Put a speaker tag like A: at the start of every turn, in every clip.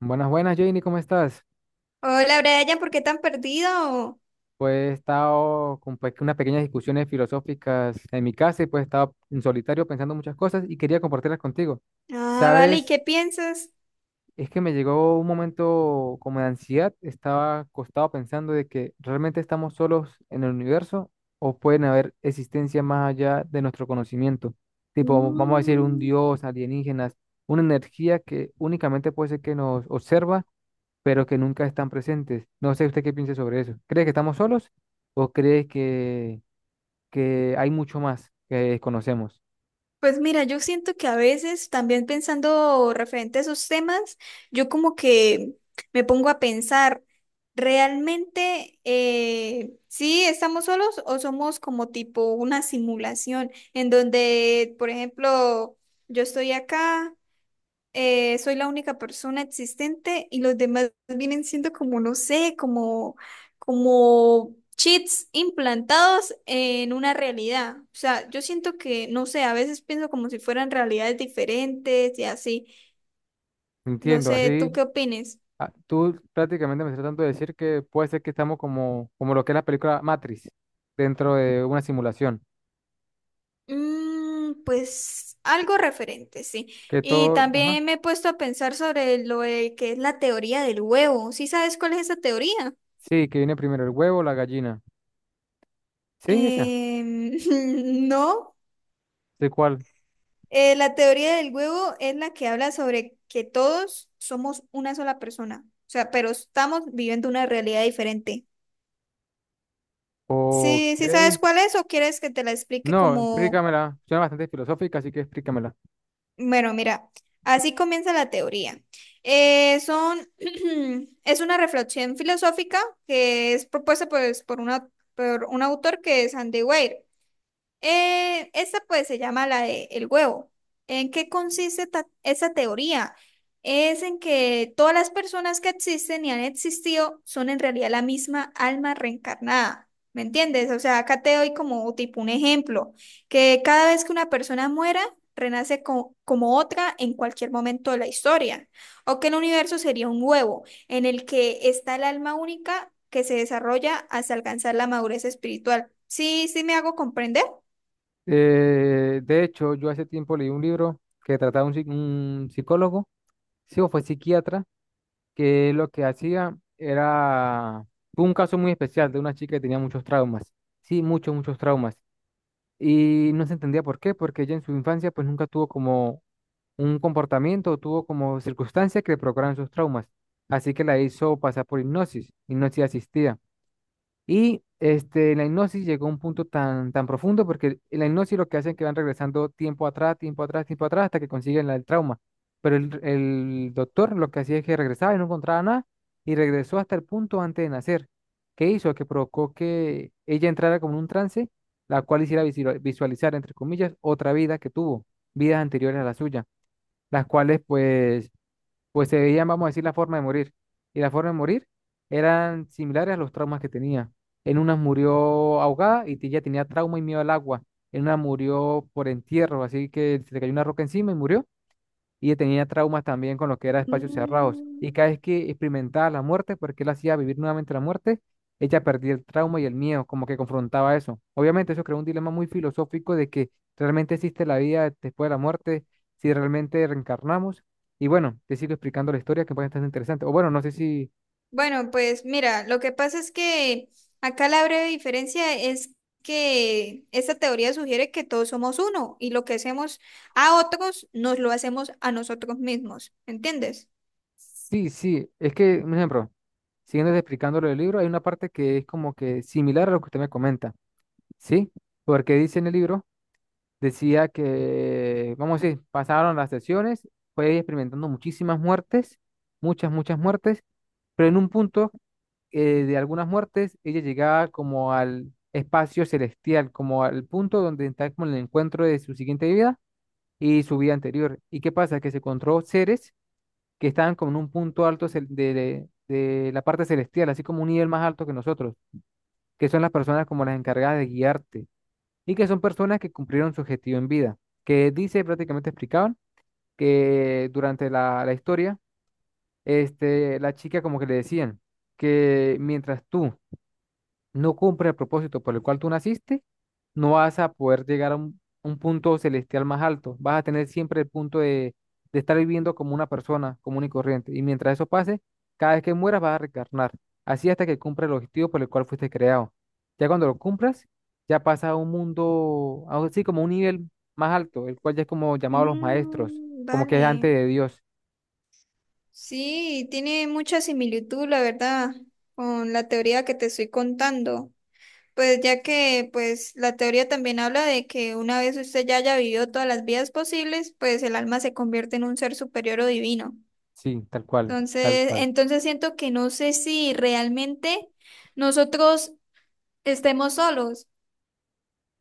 A: Buenas, buenas, Janie, ¿cómo estás?
B: Hola Brian, ¿por qué tan perdido?
A: Pues he estado con unas pequeñas discusiones filosóficas en mi casa y pues he estado en solitario pensando muchas cosas y quería compartirlas contigo.
B: Ah, vale, ¿y
A: Sabes,
B: qué piensas?
A: es que me llegó un momento como de ansiedad, estaba acostado pensando de que realmente estamos solos en el universo o pueden haber existencias más allá de nuestro conocimiento, tipo, vamos a decir, un
B: Mm.
A: dios, alienígenas, una energía que únicamente puede ser que nos observa pero que nunca están presentes. No sé usted qué piensa sobre eso. ¿Cree que estamos solos o cree que hay mucho más que desconocemos?
B: Pues mira, yo siento que a veces también pensando referente a esos temas, yo como que me pongo a pensar, ¿realmente sí estamos solos o somos como tipo una simulación en donde, por ejemplo, yo estoy acá, soy la única persona existente y los demás vienen siendo como, no sé, como, como chips implantados en una realidad. O sea, yo siento que, no sé, a veces pienso como si fueran realidades diferentes y así. No
A: Entiendo,
B: sé,
A: así
B: ¿tú qué opines?
A: tú prácticamente me estás tratando de decir que puede ser que estamos como, como lo que es la película Matrix, dentro de una simulación,
B: Mm, pues algo referente, sí.
A: que
B: Y
A: todo, ajá,
B: también me he puesto a pensar sobre lo de que es la teoría del huevo. ¿Sí sabes cuál es esa teoría?
A: sí, que viene primero el huevo o la gallina. Sí, esa,
B: Em, no.
A: sé cuál.
B: La teoría del huevo es la que habla sobre que todos somos una sola persona, o sea, pero estamos viviendo una realidad diferente. Sí,
A: Ok,
B: ¿sí sabes cuál es o quieres que te la explique?
A: no,
B: Como,
A: explícamela, suena bastante filosófica, así que explícamela.
B: bueno, mira, así comienza la teoría. Eh, son, es una reflexión filosófica que es propuesta pues, por un autor que es Andy Weir. Esa pues se llama la de el huevo. ¿En qué consiste esa teoría? Es en que todas las personas que existen y han existido son en realidad la misma alma reencarnada. ¿Me entiendes? O sea, acá te doy como tipo un ejemplo, que cada vez que una persona muera, renace como otra en cualquier momento de la historia, o que el universo sería un huevo en el que está el alma única que se desarrolla hasta alcanzar la madurez espiritual. Sí, sí me hago comprender.
A: De hecho, yo hace tiempo leí un libro que trataba un, un psicólogo, sí, o fue psiquiatra, que lo que hacía era fue un caso muy especial de una chica que tenía muchos traumas, sí, muchos, muchos traumas. Y no se entendía por qué, porque ella en su infancia pues nunca tuvo como un comportamiento, tuvo como circunstancias que le provocaran sus traumas. Así que la hizo pasar por hipnosis, hipnosis asistida. Y este, la hipnosis llegó a un punto tan, tan profundo porque en la hipnosis lo que hacen es que van regresando tiempo atrás, tiempo atrás, tiempo atrás hasta que consiguen el trauma. Pero el doctor lo que hacía es que regresaba y no encontraba nada y regresó hasta el punto antes de nacer. ¿Qué hizo? Que provocó que ella entrara como en un trance, la cual hiciera visualizar, entre comillas, otra vida que tuvo, vidas anteriores a la suya, las cuales pues pues se veían, vamos a decir, la forma de morir. Y la forma de morir eran similares a los traumas que tenía. En una murió ahogada y ya tenía trauma y miedo al agua. En una murió por entierro, así que se le cayó una roca encima y murió y tenía traumas también con lo que era espacios cerrados.
B: Mm.
A: Y cada vez que experimentaba la muerte, porque él hacía vivir nuevamente la muerte, ella perdía el trauma y el miedo, como que confrontaba eso. Obviamente eso creó un dilema muy filosófico de que realmente existe la vida después de la muerte, si realmente reencarnamos. Y bueno, te sigo explicando la historia que puede estar interesante. O bueno, no sé si...
B: Bueno, pues mira, lo que pasa es que acá la breve diferencia es que esta teoría sugiere que todos somos uno y lo que hacemos a otros nos lo hacemos a nosotros mismos, ¿entiendes?
A: Sí, sí, es que, un ejemplo, siguiendo explicando lo del libro, hay una parte que es como que similar a lo que usted me comenta, ¿sí? Porque dice en el libro decía que, vamos a decir, pasaron las sesiones, fue experimentando muchísimas muertes, muchas, muchas muertes, pero en un punto de algunas muertes ella llegaba como al espacio celestial, como al punto donde está como el encuentro de su siguiente vida y su vida anterior. ¿Y qué pasa? Que se encontró seres que estaban como en un punto alto de la parte celestial, así como un nivel más alto que nosotros, que son las personas como las encargadas de guiarte y que son personas que cumplieron su objetivo en vida, que dice, prácticamente explicaban, que durante la historia, este, la chica como que le decían que mientras tú no cumple el propósito por el cual tú naciste, no vas a poder llegar a un punto celestial más alto. Vas a tener siempre el punto de estar viviendo como una persona común y corriente. Y mientras eso pase, cada vez que mueras vas a reencarnar. Así hasta que cumpla el objetivo por el cual fuiste creado. Ya cuando lo cumplas, ya pasa a un mundo, algo así como un nivel más alto, el cual ya es como llamado los maestros,
B: Mm,
A: como que es
B: vale.
A: antes de Dios.
B: Sí, tiene mucha similitud, la verdad, con la teoría que te estoy contando. Pues ya que pues la teoría también habla de que una vez usted ya haya vivido todas las vidas posibles, pues el alma se convierte en un ser superior o divino.
A: Sí, tal cual, tal
B: Entonces,
A: cual.
B: entonces siento que no sé si realmente nosotros estemos solos.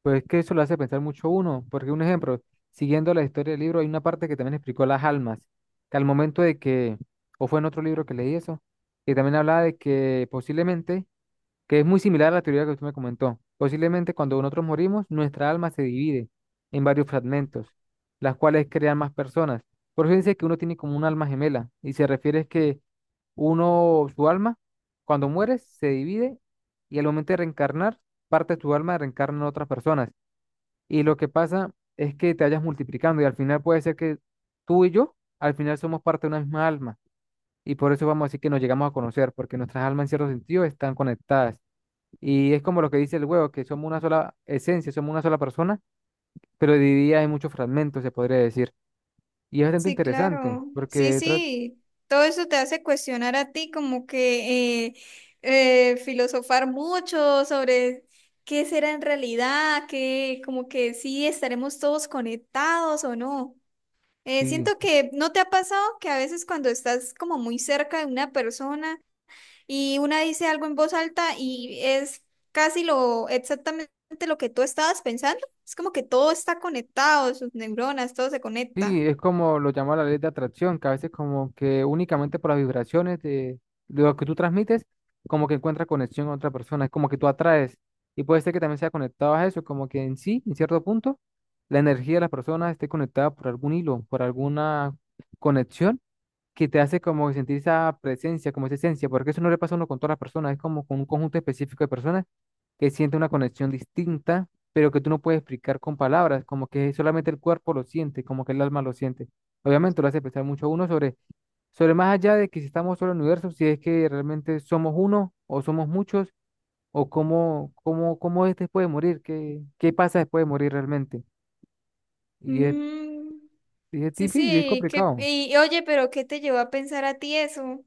A: Pues que eso lo hace pensar mucho uno, porque un ejemplo, siguiendo la historia del libro, hay una parte que también explicó las almas, que al momento de que, o fue en otro libro que leí eso, que también hablaba de que posiblemente, que es muy similar a la teoría que usted me comentó, posiblemente cuando nosotros morimos, nuestra alma se divide en varios fragmentos, las cuales crean más personas. Por eso dice que uno tiene como un alma gemela, y se refiere es que uno, su alma, cuando muere, se divide y al momento de reencarnar, parte de tu alma reencarna en otras personas. Y lo que pasa es que te vayas multiplicando y al final puede ser que tú y yo, al final somos parte de una misma alma. Y por eso vamos a decir que nos llegamos a conocer, porque nuestras almas en cierto sentido están conectadas. Y es como lo que dice el huevo, que somos una sola esencia, somos una sola persona, pero dividida en muchos fragmentos, se podría decir. Y es bastante
B: Sí,
A: interesante,
B: claro. Sí,
A: porque
B: sí. Todo eso te hace cuestionar a ti, como que filosofar mucho sobre qué será en realidad, que como que sí estaremos todos conectados o no.
A: sí.
B: Siento que no te ha pasado que a veces cuando estás como muy cerca de una persona y una dice algo en voz alta y es casi lo exactamente lo que tú estabas pensando. Es como que todo está conectado, sus neuronas, todo se conecta.
A: Sí, es como lo llama la ley de atracción, que a veces como que únicamente por las vibraciones de lo que tú transmites, como que encuentras conexión con otra persona, es como que tú atraes. Y puede ser que también sea conectado a eso, como que en sí, en cierto punto, la energía de las personas esté conectada por algún hilo, por alguna conexión que te hace como sentir esa presencia, como esa esencia, porque eso no le pasa a uno con todas las personas, es como con un conjunto específico de personas que siente una conexión distinta, pero que tú no puedes explicar con palabras, como que solamente el cuerpo lo siente, como que el alma lo siente. Obviamente lo hace pensar mucho a uno sobre, sobre más allá de que si estamos solo en el universo, si es que realmente somos uno o somos muchos, o cómo, cómo, cómo es después de morir, qué, qué pasa después de morir realmente. Y es,
B: Mm,
A: y es
B: sí,
A: difícil, es
B: sí,
A: complicado.
B: y oye, pero ¿qué te llevó a pensar a ti eso?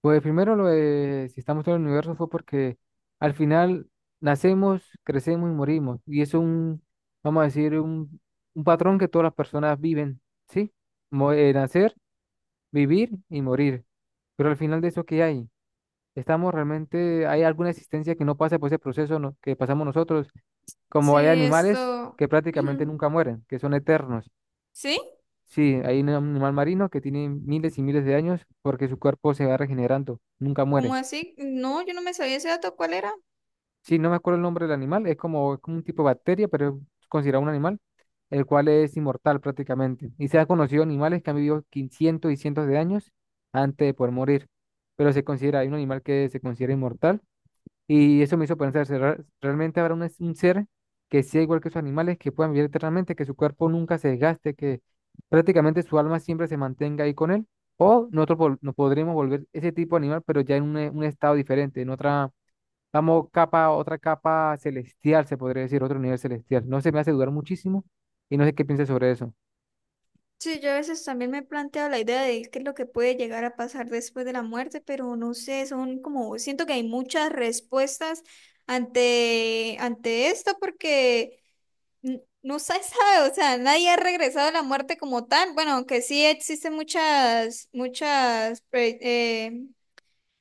A: Pues primero lo de si estamos en el universo fue porque al final nacemos, crecemos y morimos. Y eso es un, vamos a decir, un patrón que todas las personas viven, ¿sí? Nacer, vivir y morir. Pero al final de eso, ¿qué hay? ¿Estamos realmente, hay alguna existencia que no pasa por ese proceso que pasamos nosotros? Como hay
B: Sí,
A: animales
B: esto.
A: que prácticamente nunca mueren, que son eternos.
B: ¿Sí?
A: Sí, hay un animal marino que tiene miles y miles de años porque su cuerpo se va regenerando, nunca
B: ¿Cómo
A: muere.
B: así? No, yo no me sabía ese dato, ¿cuál era?
A: Sí, no me acuerdo el nombre del animal, es como un tipo de bacteria, pero es considerado un animal, el cual es inmortal prácticamente. Y se han conocido animales que han vivido cientos y cientos de años antes de poder morir, pero se considera, hay un animal que se considera inmortal. Y eso me hizo pensar, ¿realmente habrá un, un ser que sea igual que esos animales, que puedan vivir eternamente, que su cuerpo nunca se desgaste, que prácticamente su alma siempre se mantenga ahí con él? O nosotros nos podremos volver ese tipo de animal, pero ya en un, un estado diferente, en otra Vamos, capa, otra capa celestial, se podría decir, otro nivel celestial. No se me hace dudar muchísimo y no sé qué piensas sobre eso.
B: Sí, yo a veces también me he planteado la idea de qué es lo que puede llegar a pasar después de la muerte, pero no sé, son como, siento que hay muchas respuestas ante esto porque no se sabe, o sea, nadie ha regresado a la muerte como tal. Bueno, aunque sí existen muchas, pre- eh,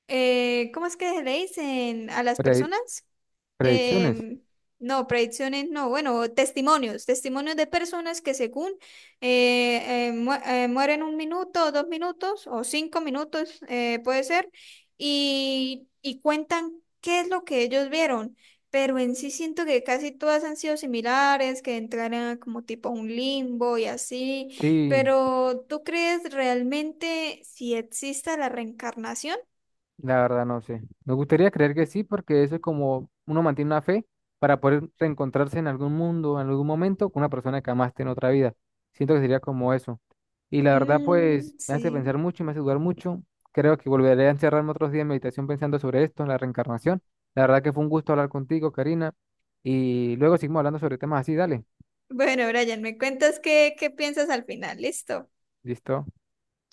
B: eh, ¿cómo es que le dicen a las
A: Pre-
B: personas?
A: Predicciones.
B: Em, no, predicciones, no, bueno, testimonios de personas que según mueren 1 minuto, 2 minutos o 5 minutos, puede ser, y cuentan qué es lo que ellos vieron. Pero en sí siento que casi todas han sido similares, que entraran como tipo a un limbo y así.
A: Sí.
B: Pero ¿tú crees realmente si exista la reencarnación?
A: La verdad no sé. Me gustaría creer que sí, porque eso es como uno mantiene una fe para poder reencontrarse en algún mundo, en algún momento, con una persona que amaste en otra vida. Siento que sería como eso. Y la verdad, pues,
B: Mm,
A: me hace
B: sí.
A: pensar mucho y me hace dudar mucho. Creo que volveré a encerrarme otros días en meditación pensando sobre esto, en la reencarnación. La verdad que fue un gusto hablar contigo, Karina. Y luego seguimos hablando sobre temas así, dale.
B: Bueno, Brian, me cuentas qué piensas al final, listo.
A: ¿Listo?